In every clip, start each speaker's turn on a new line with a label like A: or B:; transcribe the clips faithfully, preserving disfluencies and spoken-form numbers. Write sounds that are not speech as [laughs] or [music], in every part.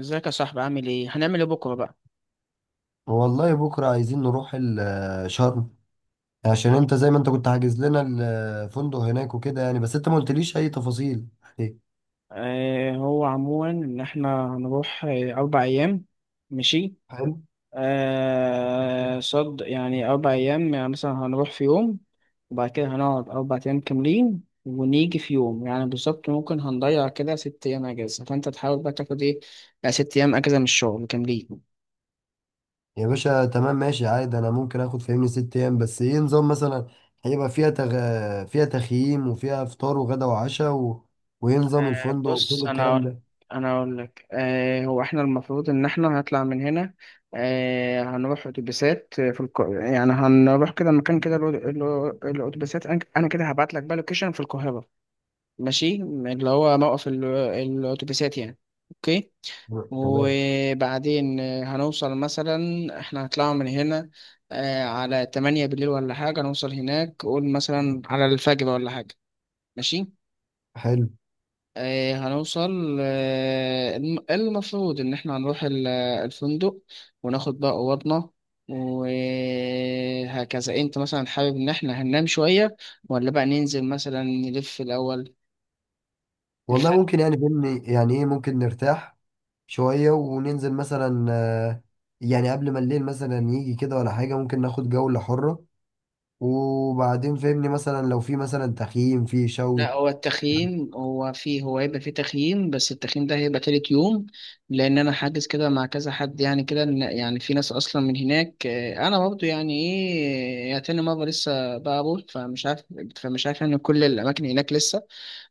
A: ازيك يا صاحبي، عامل ايه؟ هنعمل ايه بكره بقى؟
B: والله بكرة عايزين نروح ال- شرم، عشان انت زي ما انت كنت حاجز لنا الفندق هناك وكده يعني. بس انت ما قلتليش اي تفاصيل، ايه؟
A: آه هو عموما ان احنا هنروح، آه، اربع ايام. ماشي.
B: حلو.
A: آه صد يعني اربع ايام، يعني مثلا هنروح في يوم، وبعد كده هنقعد اربع ايام كاملين ونيجي في يوم. يعني بالظبط ممكن هنضيع كده ست ايام اجازه، فانت تحاول بقى تاخد ايه، يعني ست ايام اجازه من الشغل كاملين.
B: يا باشا تمام ماشي عادي، انا ممكن اخد فهمني ست ايام. بس ايه نظام مثلا؟ هيبقى فيها تغ... فيها تخييم وفيها فطار وغدا وعشاء و... وايه نظام
A: آه،
B: الفندق وكل
A: بص، انا
B: الكلام
A: اقول
B: ده؟
A: انا اقول لك آه هو احنا المفروض ان احنا هنطلع من هنا. آه هنروح اتوبيسات في الك... يعني هنروح كده مكان كده، الأو- الأو- الاتوبيسات. انا أنا كده هبعت لك بقى لوكيشن في القاهره، ماشي، اللي هو موقف ال- الاتوبيسات يعني. اوكي.
B: تمام.
A: وبعدين آه، هنوصل مثلا، احنا هنطلع من هنا آه على تمانية بالليل ولا حاجه، نوصل هناك قول مثلا على الفجر ولا حاجه. ماشي.
B: حلو.
A: آه، هنوصل، آه، الم- إيه المفروض إن إحنا هنروح ال- الفندق، وناخد بقى أوضنا وهكذا. أنت مثلا حابب إن إحنا هننام شوية، ولا بقى ننزل مثلا نلف الأول؟
B: والله ممكن، يعني فهمني يعني ايه، ممكن نرتاح شوية وننزل مثلا، آه، يعني قبل ما الليل مثلا يجي كده ولا حاجة ممكن ناخد جولة حرة. وبعدين فهمني مثلا لو في مثلا تخييم في
A: لا،
B: شوي.
A: هو التخييم هو فيه هو هيبقى فيه تخييم، بس التخييم ده هيبقى تالت يوم، لأن أنا حاجز كده مع كذا حد. يعني كده إن- يعني في ناس أصلا من هناك. آه، أنا برضه يعني إيه، يعني تاني مرة لسه بقابل، فمش عارف فمش عارف يعني كل الأماكن هناك لسه.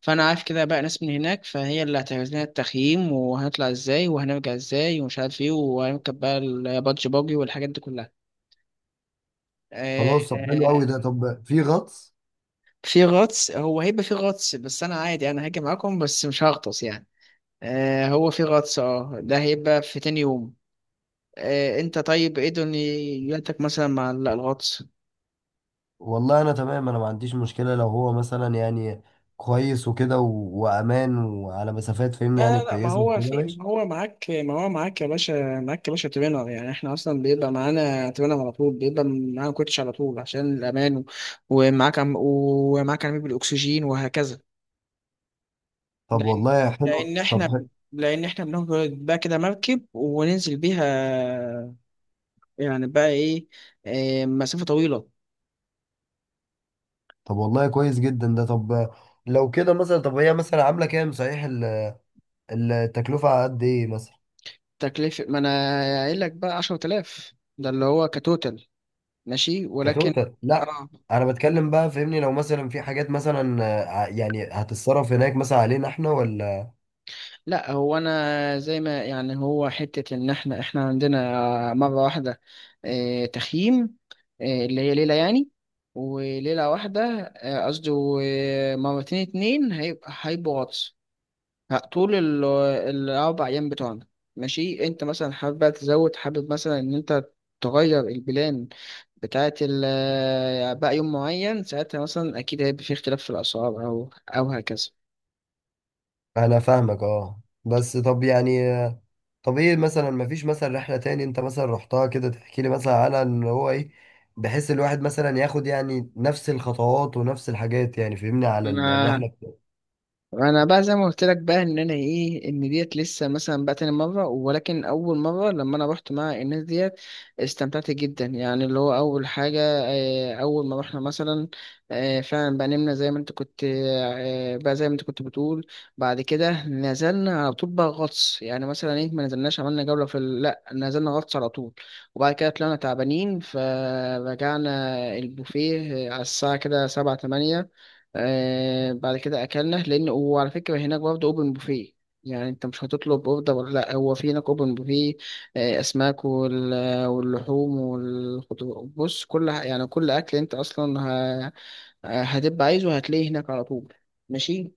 A: فأنا عارف كده بقى ناس من هناك، فهي اللي هتعمل لنا التخييم، وهنطلع إزاي وهنرجع إزاي ومش عارف إيه، وهنركب بقى البادج باجي والحاجات دي كلها. آه،
B: خلاص طب حلو
A: آه،
B: قوي ده. طب في غطس؟
A: في غطس، هو هيبقى في غطس، بس أنا عادي، أنا هاجي معاكم بس مش هغطس يعني. آه هو في غطس، اه ده هيبقى في تاني يوم. آه انت طيب ايه دنيتك مثلا مع ال- الغطس؟
B: والله انا تمام، انا ما عنديش مشكلة لو هو مثلا يعني كويس وكده و- وامان وعلى مسافات فهمني
A: لا،
B: يعني
A: لا، لا، ما
B: كويسة
A: هو
B: وكده
A: في
B: ماشي.
A: ما هو معاك ما هو معاك يا باشا، معاك يا باشا ترينر. يعني احنا اصلا بيبقى معانا ترينر على طول، بيبقى معانا كوتش على طول عشان الامان، ومعاك عم ومعاك عميل بالاكسجين وهكذا،
B: طب
A: لان
B: والله حلو.
A: لان
B: طب
A: احنا
B: ح-
A: لان احنا بناخد بقى كده مركب وننزل بيها، يعني بقى ايه, إيه مسافة طويلة.
B: طب والله كويس جدا ده. طب لو كده مثلا، طب هي مثلا عاملة كام صحيح ال- التكلفة على قد ايه مثلا؟
A: تكلفة؟ ما أنا قايل لك بقى عشرة آلاف، ده اللي هو كتوتال. ماشي، ولكن.
B: كتوتال؟ لا
A: اه.
B: انا بتكلم بقى فهمني، لو مثلا في حاجات مثلا، آه، ع- يعني هتتصرف هناك مثلا علينا احنا ولا؟
A: لا، هو انا زي ما يعني، هو حتة ان احنا احنا عندنا مرة واحدة آه، تخييم، آه، اللي هي ليلة يعني، وليلة واحدة. آه، قصدي، و- مرتين اتنين هيبقى هيبقوا غطس ه- طول ال- الأربع أيام بتوعنا. ماشي. أنت مثلا حابب بقى تزود، حابب مثلا إن أنت تغير البلان بتاعة ال- بقى يوم معين، ساعتها مثلا أكيد هيبقى في اختلاف في الأسعار أو أو هكذا.
B: انا فاهمك اه. بس طب يعني طب ايه مثلا، ما فيش مثلا رحلة تاني انت مثلا رحتها كده تحكي لي مثلا عنها ان هو ايه، بحيث الواحد مثلا ياخد يعني نفس الخطوات ونفس الحاجات، يعني فهمني على ال-
A: أنا
B: الرحلة بتاعته.
A: انا بقى زي ما قلت لك بقى، ان انا ايه، ان ديت لسه مثلا بقى تاني مره، ولكن اول مره لما انا رحت مع الناس ديت، استمتعت جدا يعني. اللي هو اول حاجه آه، اول ما رحنا مثلا، آه، فعلا بقى نمنا زي ما انت كنت، آه، بقى زي ما انت كنت بتقول. بعد كده نزلنا على طول بقى غطس، يعني مثلا ايه، ما نزلناش عملنا جوله في ال- لا، نزلنا غطس على طول. وبعد كده طلعنا تعبانين فرجعنا البوفيه آه، على الساعه كده سبعة تمانية. آه بعد كده اكلنا. لان وعلى فكره هناك برضه اوبن بوفيه، يعني انت مش هتطلب اوردر، ولا لا، هو في هناك اوبن بوفيه. آه اسماك وال... واللحوم والخضروات. بص كل ح- يعني كل اكل انت اصلا ه... هتبقى عايزه، هتلاقيه هناك على طول. ماشي.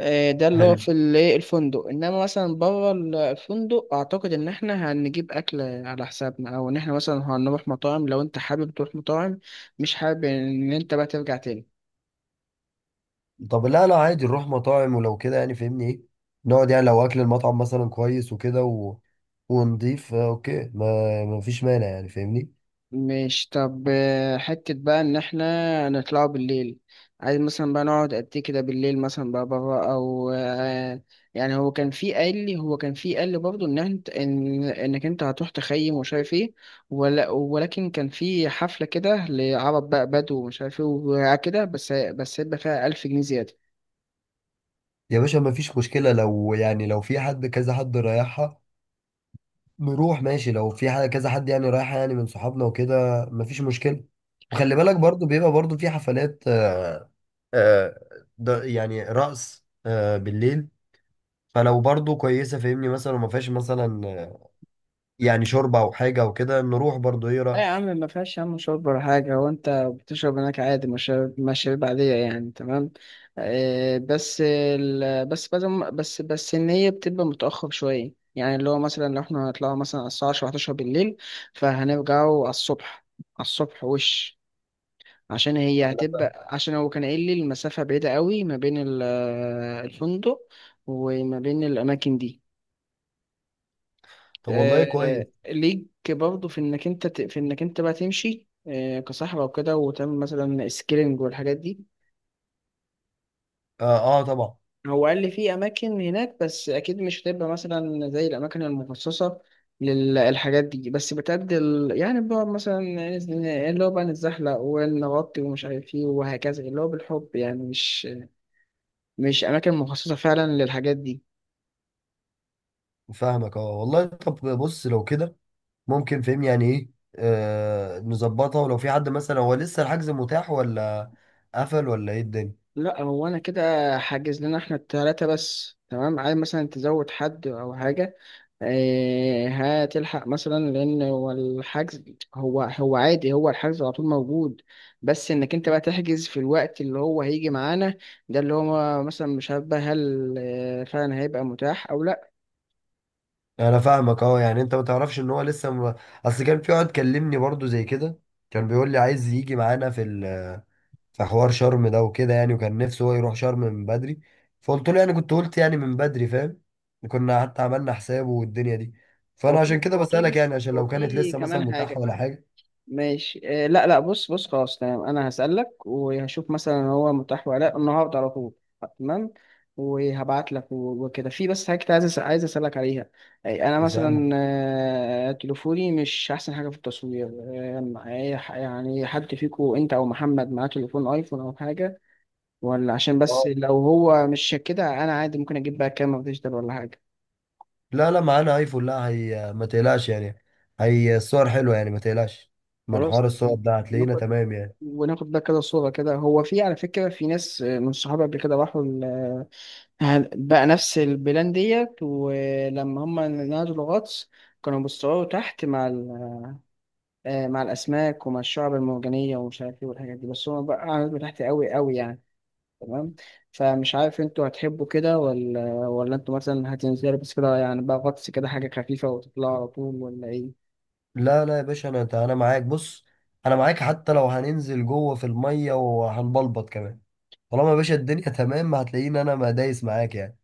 A: آه ده اللي هو
B: حلو.
A: في ال- إيه، الفندق، انما مثلا بره ال- الفندق اعتقد ان احنا هنجيب اكل على حسابنا، او ان احنا مثلا هنروح مطاعم لو انت حابب تروح مطاعم، مش حابب ان انت بقى ترجع تاني.
B: طب لا لا عادي نروح مطاعم ولو كده يعني فهمني ايه، نقعد يعني لو اكل المطعم مثلا كويس وكده و... ونضيف، آه، اوكي، ما ما فيش مانع يعني فاهمني.
A: مش طب آه، حتة بقى إن إحنا نطلعوا بالليل، عايز مثلا بقى نقعد قد إيه كده بالليل مثلا بقى بره، أو آه، يعني. هو كان في قال لي هو كان في قال لي برضه إن أنت، إن إنك أنت هتروح تخيم ومش عارف إيه، ولا ولكن كان في حفلة كده لعرب بقى بدو ومش عارف إيه وكده، بس بس هيبقى فيها ألف جنيه زيادة.
B: يا باشا ما فيش مشكلة لو يعني، لو في حد كذا حد رايحها نروح ماشي. لو في حاجة كذا حد يعني رايح يعني من صحابنا وكده مفيش مشكلة. وخلي بالك برضو بيبقى برضو في حفلات، آه، آه، ده يعني رقص آه، بالليل. فلو برضو كويسة فاهمني مثلا وما فيهاش مثلا، آه، يعني شوربة أو حاجة أو كده نروح برضو، إيه
A: ايه
B: رأيك؟
A: يا عم، ما فيهاش يا عم شرب ولا حاجة. هو انت بتشرب هناك عادي، مشاريب مشاريب عادية يعني، تمام. آه بس ال... بس بس بس بس ان هي بتبقى متأخر شوية، يعني اللي هو مثلا لو احنا هنطلعوا مثلا على الساعة عشرة إحدى عشر بالليل، فهنرجعوا على الصبح على الصبح. وش عشان هي
B: على-
A: هتبقى، عشان هو كان قايل لي المسافة بعيدة قوي ما بين ال- الفندق وما بين الأماكن دي.
B: طب والله كويس.
A: آه، ليك برضه في انك انت ت- في انك انت بقى تمشي آه، كصاحب او كده، وتعمل مثلا سكيلينج والحاجات دي.
B: آه, آه طبعا.
A: هو قال لي في اماكن هناك، بس اكيد مش هتبقى مثلا زي الاماكن المخصصه للحاجات دي، بس بتأدي ال- يعني بقى مثلا نز- اللي هو بقى نتزحلق ونغطي ومش عارف ايه وهكذا، اللي هو بالحب يعني مش مش اماكن مخصصه فعلا للحاجات دي.
B: فاهمك آه والله. طب بص لو كده ممكن فاهمني يعني إيه، آه نظبطها. ولو في حد مثلا هو لسه الحجز متاح ولا قفل، ولا إيه الدنيا؟
A: لا، هو انا كده حاجز لنا احنا التلاتة بس، تمام. عايز مثلا تزود حد او حاجه؟ آه، هتلحق مثلا، لان هو الحجز، هو هو عادي، هو الحجز على طول موجود، بس انك انت بقى تحجز في الوقت اللي هو هيجي معانا، ده اللي هو مثلا مش عارف بقى هل آه، فعلا هيبقى متاح او لا.
B: انا فاهمك اه. يعني انت ما تعرفش ان هو لسه م... اصل كان في واحد كلمني برضو زي كده، كان بيقول لي عايز يجي معانا في ال... في حوار شرم ده وكده يعني، وكان نفسه هو يروح شرم من بدري. فقلت له يعني كنت قلت يعني من بدري فاهم. كنا حتى عملنا حسابه والدنيا دي.
A: هو
B: فانا عشان
A: في
B: كده
A: هو في
B: بسألك
A: بس
B: يعني، عشان
A: هو
B: لو كانت
A: في
B: لسه مثلا
A: كمان
B: متاحة
A: حاجه.
B: ولا حاجة.
A: ماشي آه، لا لا، بص بص خلاص تمام. انا هسألك وهشوف مثلا هو متاح ولا لا النهارده على طول، تمام. وهبعت لك و- وكده. في بس حاجة كنت عايز أس- عايز اسألك عليها. أي، انا
B: بس
A: مثلا
B: أنا-
A: آه، تليفوني مش احسن حاجة في التصوير، آه، أي ح- يعني حد فيكو انت او محمد معاه تليفون ايفون او حاجة؟ ولا عشان بس
B: اه
A: لو هو مش كده انا عادي ممكن اجيب بقى كاميرا ديجيتال ولا حاجة.
B: لا لا معانا ايفون. لا هي ما تقلقش يعني، هي الصور حلوة يعني ما تقلقش. من
A: خلاص.
B: حوار الصور ده هتلاقينا
A: ناخد
B: تمام يعني.
A: وناخد ده كده صورة كده. هو في على فكرة في ناس من صحابي قبل كده راحوا ال- بقى نفس البلان ديت، ولما هم نزلوا غطس كانوا بيصوروا تحت مع ال- آه، مع الأسماك ومع الشعب المرجانية ومش عارف ايه والحاجات دي، بس هم بقى قعدوا تحت قوي قوي يعني. تمام. فمش عارف انتوا هتحبوا كده، ولا ولا انتوا مثلا هتنزلوا بس كده، يعني بقى غطس كده حاجة خفيفة وتطلعوا على طول ولا ايه؟
B: لا لا يا باشا انا انا معاك. بص انا معاك حتى لو هننزل جوه في الميه وهنبلبط كمان. طالما يا باشا الدنيا [laughs] تمام هتلاقيني انا ما دايس معاك يعني.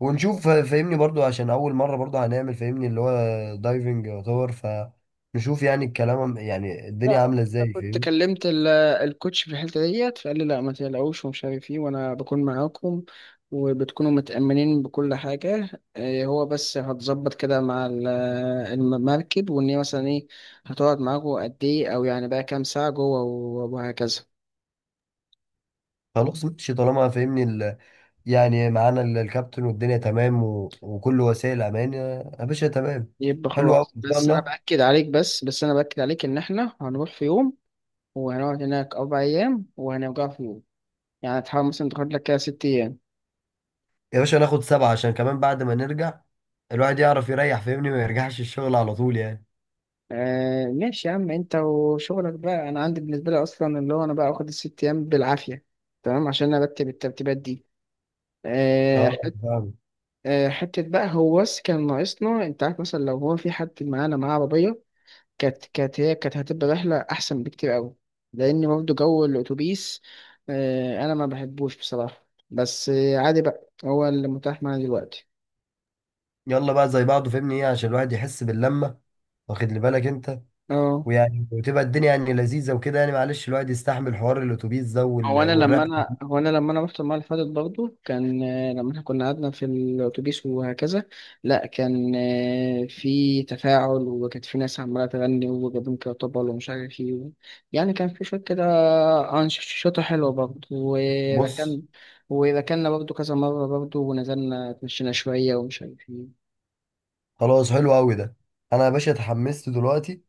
B: ونشوف فا- فاهمني برضو عشان اول مره برضو هنعمل فاهمني اللي هو دايفنج يعتبر، فنشوف يعني الكلام، يعني
A: لا،
B: الدنيا
A: لا.
B: عامله
A: انا
B: ازاي
A: كنت
B: فاهمني.
A: كلمت ال- الكوتش في الحته ديت، فقال لي لا ما تقلقوش ومش عارف ايه، وانا بكون معاكم وبتكونوا متأمنين بكل حاجة. إيه، هو بس هتظبط كده مع ال- المركب، وإن هي مثلا إيه، هتقعد معاكم قد إيه، أو يعني بقى كام ساعة جوه و- وهكذا.
B: خلاص ماشي. طالما فاهمني ال... يعني معانا ال- الكابتن والدنيا تمام و... وكل وسائل امان، يا يا باشا تمام.
A: يبقى
B: حلو قوي
A: خلاص.
B: ان شاء
A: بس أنا
B: الله.
A: بأكد عليك بس بس أنا بأكد عليك إن إحنا هنروح في يوم، وهنقعد هناك أربع أيام، وهنرجع في يوم. يعني تحاول مثلا تاخد لك كده ست أيام.
B: يا باشا ناخد سبعة عشان كمان بعد ما نرجع الواحد يعرف يريح فاهمني، ما يرجعش الشغل على طول يعني.
A: آه ماشي يا عم، انت وشغلك بقى. انا عندي بالنسبه لي اصلا اللي هو انا بقى اخد الست ايام بالعافيه، تمام، عشان ارتب الترتيبات دي. آه
B: اه
A: حت
B: فاهم.
A: آه حته بقى، هو بس كان ناقصنا، انت عارف مثلا لو هو في حد معانا معاه عربيه كانت كانت هي كانت هتبقى رحله احسن بكتير قوي، لان برضه جو الاتوبيس آه انا ما بحبوش بصراحه، بس آه عادي بقى هو اللي متاح معايا دلوقتي.
B: يلا بقى زي بعضه فاهمني ايه عشان الواحد يحس باللمة. واخد لي بالك انت؟
A: اه
B: ويعني وتبقى الدنيا يعني لذيذة وكده يعني، معلش الواحد يستحمل حوار الاتوبيس ده
A: هو
B: وال-
A: انا لما
B: والرحلة.
A: انا هو انا لما انا رحت المره اللي فاتت برضه كان، آه، لما احنا كنا قعدنا في الاتوبيس وهكذا، لا كان آه، في تفاعل، وكانت في ناس عماله تغني وجابوا كرطبل ومش عارف ايه و- يعني كان في شويه كده انشطه حلوه برضه.
B: بص
A: وركن وركننا برضه كذا مره برضه، ونزلنا اتمشينا شويه ومش عارف ايه.
B: خلاص حلو قوي ده. انا يا باشا اتحمست دلوقتي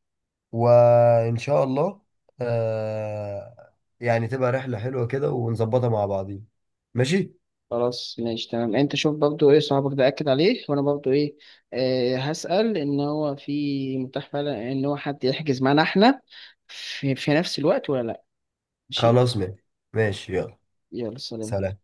B: وان شاء الله. آه، يعني تبقى رحلة حلوة كده ونظبطها مع بعضين ماشي.
A: خلاص ماشي تمام. انت شوف برضو ايه صاحبك ده، اكد عليه، وانا برضو ايه آه هسأل ان هو في متاح فعلا ان هو حد يحجز معانا احنا في, في نفس الوقت ولا لا. ماشي.
B: خلاص ماشي. ماشي يلا.
A: يلا، سلام.
B: سلام.